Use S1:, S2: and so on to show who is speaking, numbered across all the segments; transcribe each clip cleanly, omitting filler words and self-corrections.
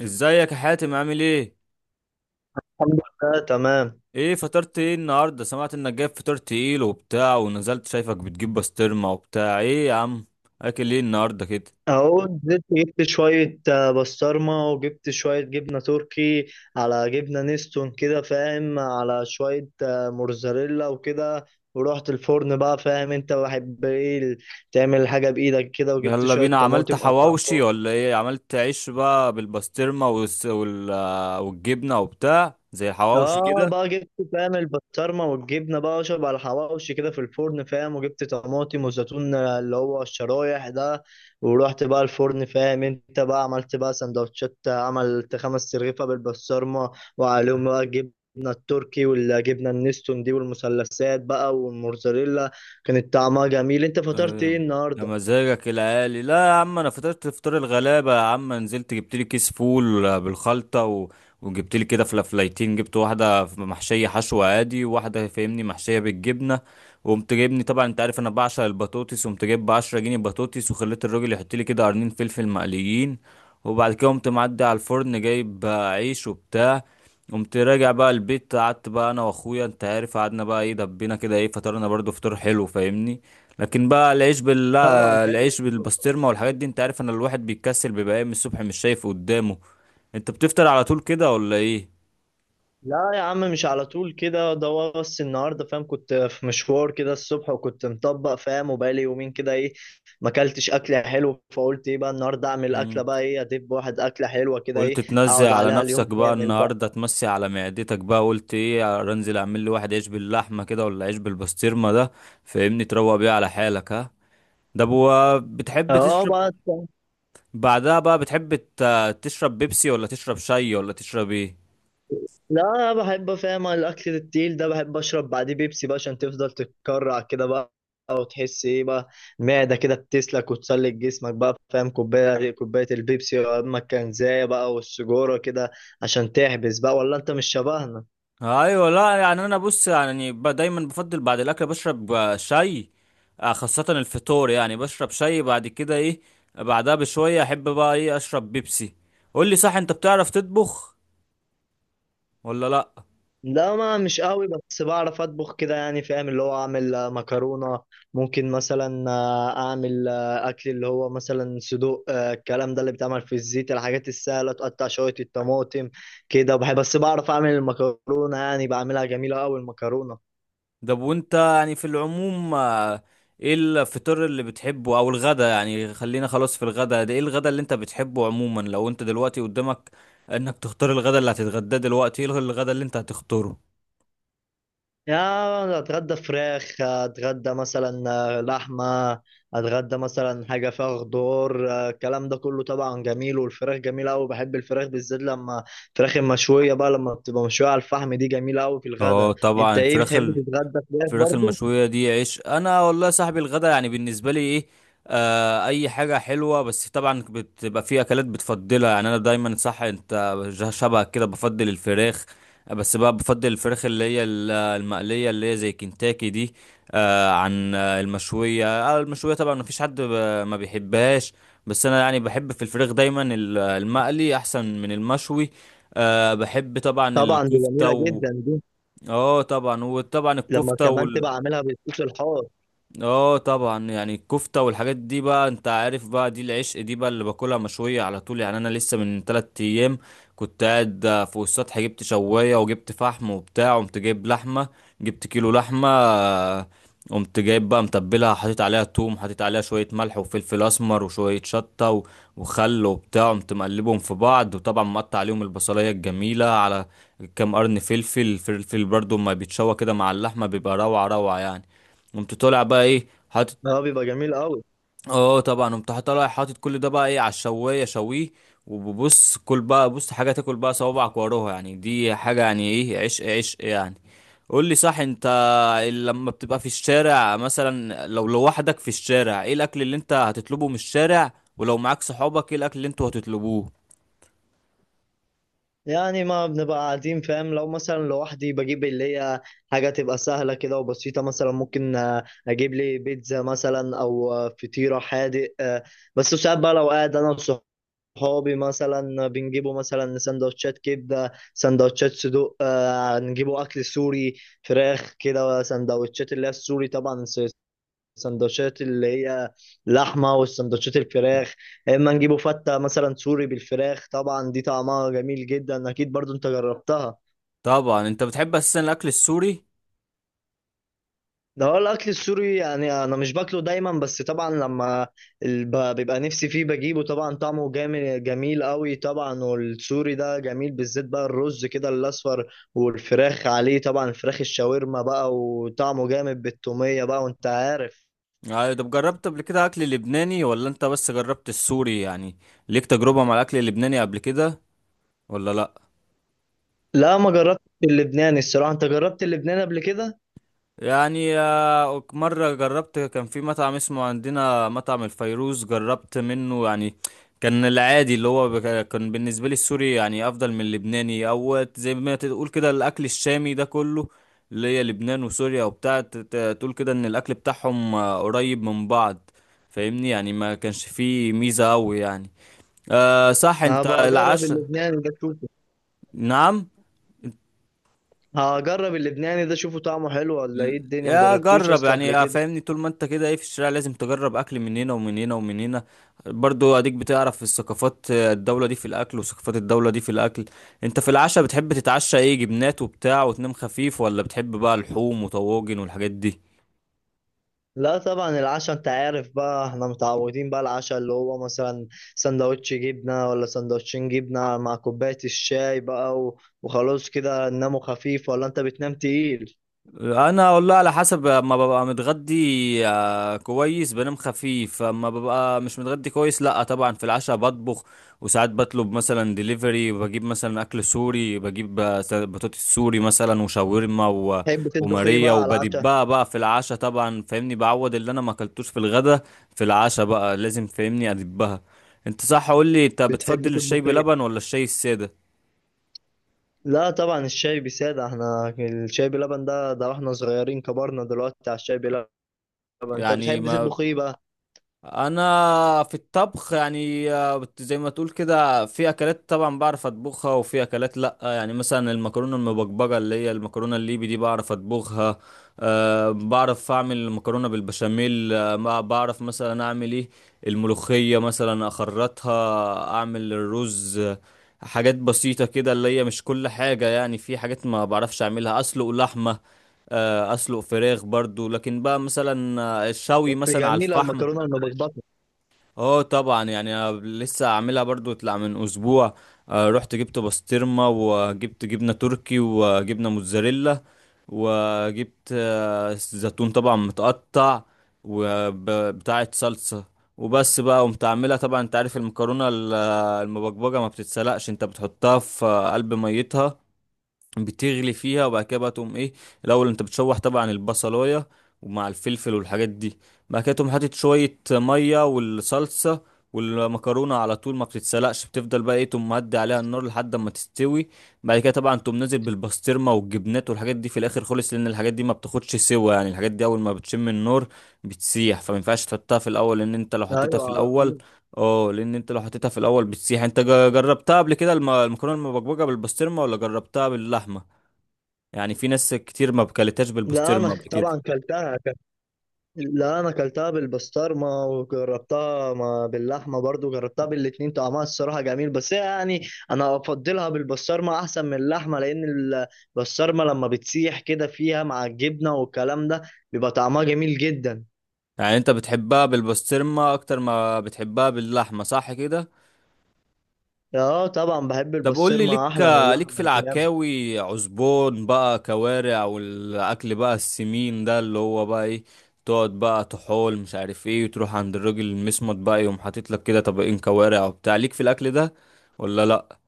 S1: ازيك يا حاتم عامل ايه؟
S2: الحمد لله تمام.
S1: ايه فطرت ايه النهارده؟ سمعت انك جايب فطار تقيل وبتاع ونزلت شايفك بتجيب بسطرمه وبتاع، ايه يا عم اكل ايه النهارده كده؟
S2: اهو نزلت جبت شوية بسطرمة، وجبت شوية جبنة تركي على جبنة نستون كده فاهم، على شوية موتزاريلا وكده. ورحت الفرن بقى فاهم انت بحب ايه تعمل حاجة بإيدك كده، وجبت
S1: يلا
S2: شوية
S1: بينا، عملت
S2: طماطم قطعتهم.
S1: حواوشي ولا ايه؟ عملت عيش بقى بالبسطرمه والجبنه وبتاع زي الحواوشي
S2: اه
S1: كده.
S2: بقى جبت فاهم البسطرمه والجبنه بقى اشرب على الحواوشي كده في الفرن فاهم، وجبت طماطم وزيتون، اللي هو الشرايح ده. ورحت بقى الفرن فاهم، انت بقى عملت بقى سندوتشات، عملت خمس رغيفه بالبسطرمه وعليهم بقى الجبنه التركي والجبنه النستون دي والمثلثات بقى والموزاريلا. كانت طعمها جميل. انت فطرت ايه
S1: آه، يا
S2: النهارده؟
S1: مزاجك العالي، لا يا عم، انا فطرت فطار الغلابه يا عم، نزلت جبت لي كيس فول بالخلطه وجبت لي كده فلافلايتين، جبت واحده محشيه حشو عادي وواحده فاهمني محشيه بالجبنه، وقمت جايبني طبعا انت عارف انا بعشق البطاطس، وقمت جايب ب 10 جنيه بطاطس وخليت الراجل يحط لي كده قرنين فلفل مقليين، وبعد كده قمت معدي على الفرن جايب عيش وبتاع، قمت راجع بقى البيت، قعدت بقى انا واخويا انت عارف، قعدنا بقى ايه دبينا كده، ايه فطرنا برضو فطار حلو فاهمني، لكن بقى العيش بال
S2: طبعا
S1: لا،
S2: حلو.
S1: العيش بالبسطرمه والحاجات دي انت عارف ان الواحد بيتكسل، بيبقى قايم الصبح مش شايف قدامه. انت بتفطر على طول كده ولا ايه؟
S2: لا يا عم، مش على طول كده، ده بس النهارده فاهم كنت في مشوار كده الصبح، وكنت مطبق فاهم، وبقالي يومين كده ايه ما اكلتش اكله حلوه، فقلت ايه بقى النهارده اعمل اكله
S1: مم.
S2: بقى ايه ادب واحد اكله حلوه كده
S1: قلت
S2: ايه،
S1: تنزل
S2: اقعد
S1: على
S2: عليها
S1: نفسك
S2: اليوم
S1: بقى
S2: كامل بقى.
S1: النهارده، تمسي على معدتك بقى، قلت ايه انزل اعمل لي واحد عيش باللحمه كده ولا عيش بالبسطرمه ده فاهمني، تروق بيه على حالك، ها. ده بتحب
S2: اه
S1: تشرب
S2: بقى،
S1: بعدها بقى؟ بتحب تشرب بيبسي ولا تشرب شاي ولا تشرب ايه؟
S2: لا أنا بحب فاهم الاكل التقيل ده بحب اشرب بعديه بيبسي بقى، عشان تفضل تتكرع كده بقى، او تحس ايه بقى المعده كده بتسلك وتسلك جسمك بقى فاهم. كوبايه كوبايه البيبسي، اما الكنزايه بقى والسجوره كده عشان تحبس بقى، ولا انت مش شبهنا؟
S1: ايوه، لا يعني انا بص يعني دايما بفضل بعد الاكل بشرب شاي، خاصة الفطور يعني بشرب شاي بعد كده ايه، بعدها بشوية احب بقى ايه اشرب بيبسي. قول لي صح، انت بتعرف تطبخ ولا لا؟
S2: لا ما مش قوي، بس بعرف اطبخ كده يعني فاهم، اللي هو اعمل مكرونه. ممكن مثلا اعمل اكل اللي هو مثلا صدوق، الكلام ده اللي بيتعمل في الزيت، الحاجات السهله. تقطع شويه الطماطم كده بحب، بس بعرف اعمل المكرونه يعني، بعملها جميله قوي المكرونه.
S1: ده وانت يعني في العموم ايه الفطور اللي بتحبه او الغدا؟ يعني خلينا خلاص في الغدا ده، ايه الغدا اللي انت بتحبه عموما؟ لو انت دلوقتي قدامك انك تختار الغدا اللي هتتغداه دلوقتي، ايه الغدا اللي انت هتختاره؟
S2: يا اتغدى فراخ، اتغدى مثلا لحمه، اتغدى مثلا حاجه فيها خضار، الكلام ده كله طبعا جميل. والفراخ جميله قوي، بحب الفراخ بالذات لما الفراخ المشويه بقى، لما بتبقى مشويه على الفحم دي جميله قوي في
S1: اه
S2: الغدا.
S1: طبعا
S2: انت ايه
S1: الفراخ،
S2: بتحب تتغدى فراخ
S1: الفراخ
S2: برضو؟
S1: المشوية دي عيش. انا والله يا صاحبي الغدا يعني بالنسبة لي ايه، آه اي حاجة حلوة، بس طبعا بتبقى في اكلات بتفضلها يعني انا دايما، صح انت شبهك كده بفضل الفراخ، بس بقى بفضل الفراخ اللي هي المقلية اللي هي زي كنتاكي دي، آه عن المشوية، آه المشوية طبعا مفيش حد ما بيحبهاش، بس انا يعني بحب في الفراخ دايما المقلي احسن من المشوي. آه بحب طبعا
S2: طبعا دي
S1: الكفتة
S2: جميله
S1: و
S2: جدا دي
S1: اه طبعا وطبعا
S2: لما
S1: الكفتة،
S2: كمان تبقى عاملها بالصوص الحار،
S1: اه طبعا يعني الكفتة والحاجات دي بقى انت عارف بقى دي العشق دي بقى اللي باكلها مشوية على طول. يعني انا لسه من تلات ايام كنت قاعد فوق السطح، جبت شواية وجبت فحم وبتاع، قمت جايب لحمة، جبت كيلو لحمة قمت جايب بقى متبلها، حطيت عليها توم، حطيت عليها شوية ملح وفلفل اسمر وشوية شطة وخل وبتاع، قمت مقلبهم في بعض، وطبعا مقطع عليهم البصلية الجميلة على كام قرن فلفل، الفلفل برضو ما بيتشوى كده مع اللحمة بيبقى روعة روعة يعني. قمت طالع بقى ايه حاطط،
S2: ده بيبقى جميل قوي.
S1: اه طبعا قمت طالع حاطط كل ده بقى ايه على الشوايه شويه، وببص كل بقى بص حاجه تاكل بقى صوابعك وراها يعني، دي حاجه يعني ايه، عشق عشق يعني. قول لي صح انت، لما بتبقى في الشارع مثلا، لو لوحدك في الشارع ايه الاكل اللي انت هتطلبه من الشارع؟ ولو معاك صحابك ايه الاكل اللي انتوا هتطلبوه؟
S2: يعني ما بنبقى قاعدين فاهم، لو مثلا لوحدي بجيب اللي هي حاجة تبقى سهلة كده وبسيطة، مثلا ممكن أجيب لي بيتزا مثلا، أو فطيرة حادق، بس ساعات بقى لو قاعد أنا وصحابي مثلا، بنجيبوا مثلا سندوتشات كبدة، سندوتشات صدوق، نجيبوا أكل سوري، فراخ كده، سندوتشات اللي هي السوري طبعا، السندوتشات اللي هي لحمه، والسندوتشات الفراخ. يا اما نجيبه فته مثلا سوري بالفراخ، طبعا دي طعمها جميل جدا، اكيد برضو انت جربتها.
S1: طبعا انت بتحب اساسا الاكل السوري
S2: ده هو الاكل السوري يعني، انا مش باكله دايما، بس طبعا لما بيبقى نفسي فيه بجيبه، طبعا طعمه جامد جميل قوي طبعا. والسوري ده جميل بالذات بقى الرز كده الاصفر، والفراخ عليه، طبعا الفراخ الشاورما بقى، وطعمه جامد بالتومية بقى، وانت عارف.
S1: يعني؟ طب جربت قبل كده اكل لبناني ولا انت بس جربت السوري يعني؟ ليك تجربة مع الاكل اللبناني قبل كده ولا لا؟
S2: لا ما جربت اللبناني الصراحة، انت جربت اللبناني قبل كده؟
S1: يعني مرة جربت، كان في مطعم اسمه عندنا مطعم الفيروز، جربت منه يعني، كان العادي اللي هو كان بالنسبة لي السوري يعني أفضل من اللبناني، أو زي ما تقول كده الأكل الشامي ده كله، اللي هي لبنان وسوريا وبتاع، تقول كده إن الأكل بتاعهم قريب من بعض فاهمني، يعني ما كانش فيه ميزة أوي يعني. أه صح، أنت
S2: هبقى اجرب
S1: العشاء؟
S2: اللبناني ده اشوفه.
S1: نعم.
S2: هجرب اللبناني ده اشوفه طعمه حلو ولا
S1: ل-
S2: ايه الدنيا،
S1: يا
S2: مجربتوش
S1: جرب
S2: اصلا
S1: يعني،
S2: قبل
S1: يا
S2: كده.
S1: فاهمني طول ما انت كده ايه في الشارع لازم تجرب اكل من هنا ومن هنا ومن هنا، برضو اديك بتعرف الثقافات الدولة دي في الاكل، وثقافات الدولة دي في الاكل. انت في العشاء بتحب تتعشى ايه؟ جبنات وبتاع وتنام خفيف، ولا بتحب بقى اللحوم وطواجن والحاجات دي؟
S2: لا طبعا العشاء انت عارف بقى احنا متعودين بقى العشاء اللي هو مثلا سندوتش جبنة، ولا سندوتشين جبنة مع كوباية الشاي بقى، وخلاص كده نناموا خفيف، ولا انت بتنام تقيل؟
S1: انا والله على حسب، ما ببقى متغدي كويس بنام خفيف، اما ببقى مش متغدي كويس لا طبعا في العشاء بطبخ، وساعات بطلب مثلا ديليفري، بجيب مثلا اكل سوري، بجيب بطاطس سوري مثلا وشاورما
S2: بتحب تطبخ ايه
S1: وماريا
S2: بقى على العشاء؟
S1: وبدبها بقى في العشاء طبعا فاهمني، بعوض اللي انا ما اكلتوش في الغدا في العشاء بقى لازم فاهمني ادبها. انت صح قول لي، انت
S2: بتحب
S1: بتفضل الشاي
S2: تطبخ ايه؟
S1: بلبن ولا الشاي الساده؟
S2: لا طبعا الشاي بسادة، احنا الشاي بلبن ده واحنا صغيرين، كبرنا دلوقتي على الشاي بلبن. انت
S1: يعني
S2: بتحب
S1: ما
S2: تطبخ ايه بقى؟
S1: انا في الطبخ يعني زي ما تقول كده في اكلات طبعا بعرف اطبخها وفي اكلات لا، يعني مثلا المكرونه المبكبجه اللي هي المكرونه الليبي دي بعرف اطبخها، أه بعرف اعمل مكرونه بالبشاميل، أه ما بعرف مثلا اعمل ايه الملوخيه مثلا اخرطها، اعمل الرز حاجات بسيطه كده اللي هي مش كل حاجه، يعني في حاجات ما بعرفش اعملها، اسلق لحمه اسلق فراخ برضو، لكن بقى مثلا الشوي
S2: بس
S1: مثلا على
S2: جميلة
S1: الفحم.
S2: المكرونة المبكبكة.
S1: اه طبعا يعني أنا لسه عاملها برضو طلع من اسبوع، رحت جبت بسطرمه وجبت جبنه تركي وجبنه موتزاريلا، وجبت زيتون طبعا متقطع، وبتاعه صلصه، وبس بقى قمت عاملها، طبعا انت عارف المكرونه المبكبجه ما بتتسلقش، انت بتحطها في قلب ميتها بتغلي فيها، وبعد كده بقى تقوم ايه الاول انت بتشوح طبعا البصلايه ومع الفلفل والحاجات دي، بعد كده تقوم حاطط شويه ميه والصلصه والمكرونه، على طول ما بتتسلقش بتفضل بقى ايه تقوم مهدي عليها النار لحد ما تستوي، بعد كده طبعا تقوم نازل بالبسطرمه والجبنات والحاجات دي في الاخر خالص، لان الحاجات دي ما بتاخدش سوا، يعني الحاجات دي اول ما بتشم النار بتسيح، فما ينفعش تحطها في الاول، لان انت لو حطيتها في
S2: أيوة على
S1: الاول
S2: طول.
S1: اه لان انت لو حطيتها في الاول بتسيح. انت جربتها قبل كده المكرونه المبكبجه بالبسطرمه ولا جربتها باللحمه؟ يعني في ناس كتير ما بكلتهاش
S2: لا
S1: بالبسطرمه
S2: أنا
S1: قبل كده.
S2: طبعا كلتها ك- لا أنا كلتها بالبسطرمة وجربتها باللحمة برضو، جربتها بالاتنين. طعمها الصراحة جميل، بس هي يعني أنا أفضلها بالبسطرمة أحسن من اللحمة، لأن البسطرمة لما بتسيح كده فيها مع الجبنة والكلام ده بيبقى طعمها جميل جدا.
S1: يعني انت بتحبها بالبسطرمه اكتر ما بتحبها باللحمه صح كده؟
S2: اه طبعا بحب
S1: طب قول لي،
S2: البسطرمة
S1: ليك
S2: أحلى من
S1: ليك في
S2: اللحمة.
S1: العكاوي، عزبون بقى كوارع والاكل بقى السمين ده اللي هو بقى ايه، تقعد بقى تحول مش عارف ايه وتروح عند الراجل المسمط بقى يقوم حاطط لك كده طبقين كوارع وبتاع، ليك في الاكل ده ولا لا؟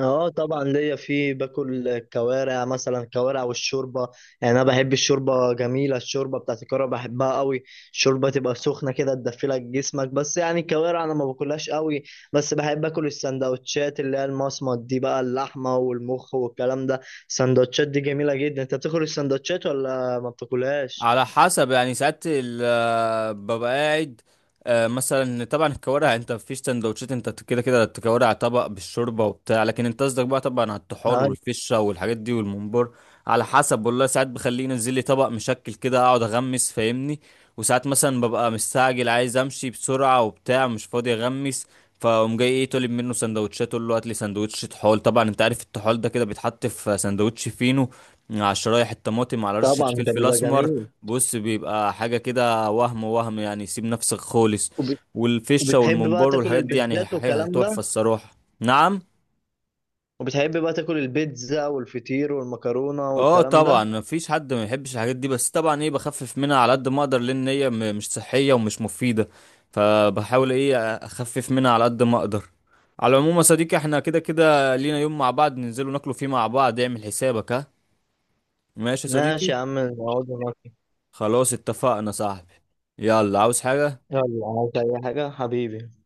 S2: اه طبعا ليا في، باكل كوارع مثلا، كوارع والشوربه، يعني انا بحب الشوربه جميله، الشوربه بتاعت الكوارع بحبها قوي، الشوربه تبقى سخنه كده تدفلك جسمك، بس يعني الكوارع انا ما باكلهاش قوي، بس بحب اكل السندوتشات اللي هي المصمت دي بقى، اللحمه والمخ والكلام ده، السندوتشات دي جميله جدا. انت بتاكل السندوتشات ولا ما بتاكلهاش؟
S1: على حسب يعني ساعات ببقى قاعد، مثلا طبعا الكوارع انت مفيش سندوتشات، انت كده كده تكوارع طبق بالشوربه وبتاع، لكن انت قصدك بقى طبعا على الطحال
S2: آه،
S1: والفشه والحاجات دي والممبار، على حسب والله، ساعات بخليه ينزل لي طبق مشكل كده اقعد اغمس فاهمني، وساعات مثلا ببقى مستعجل عايز امشي بسرعه وبتاع مش فاضي اغمس، فقوم جاي ايه طالب منه سندوتشات، اقول له هات لي سندوتش طحال، طبعا انت عارف الطحال ده كده بيتحط في سندوتش فينو مع شرايح الطماطم على رشه
S2: طبعا ده
S1: فلفل
S2: بيبقى
S1: اسمر،
S2: جميل.
S1: بص بيبقى حاجة كده وهم وهم يعني، سيب نفسك خالص،
S2: وب-
S1: والفشة
S2: وبتحب بقى
S1: والممبار
S2: تاكل
S1: والحاجات دي يعني
S2: البيتزات والكلام
S1: هتحفة
S2: ده؟
S1: الصراحة. نعم.
S2: وبتحب بقى تاكل البيتزا والفطير والمكرونه
S1: اه
S2: والكلام
S1: طبعا
S2: ده؟
S1: مفيش حد ما يحبش الحاجات دي، بس طبعا ايه بخفف منها على قد ما اقدر، لان هي مش صحية ومش مفيدة، فبحاول ايه اخفف منها على قد ما اقدر. على العموم يا صديقي احنا كده كده لينا يوم مع بعض ننزلوا ناكلوا فيه مع بعض، اعمل حسابك، ها. ماشي يا
S2: ماشي
S1: صديقي،
S2: يا عم، نقعد ناكل.
S1: خلاص اتفقنا صاحبي. يلا عاوز حاجة؟
S2: يلا عاوز أي حاجة حبيبي.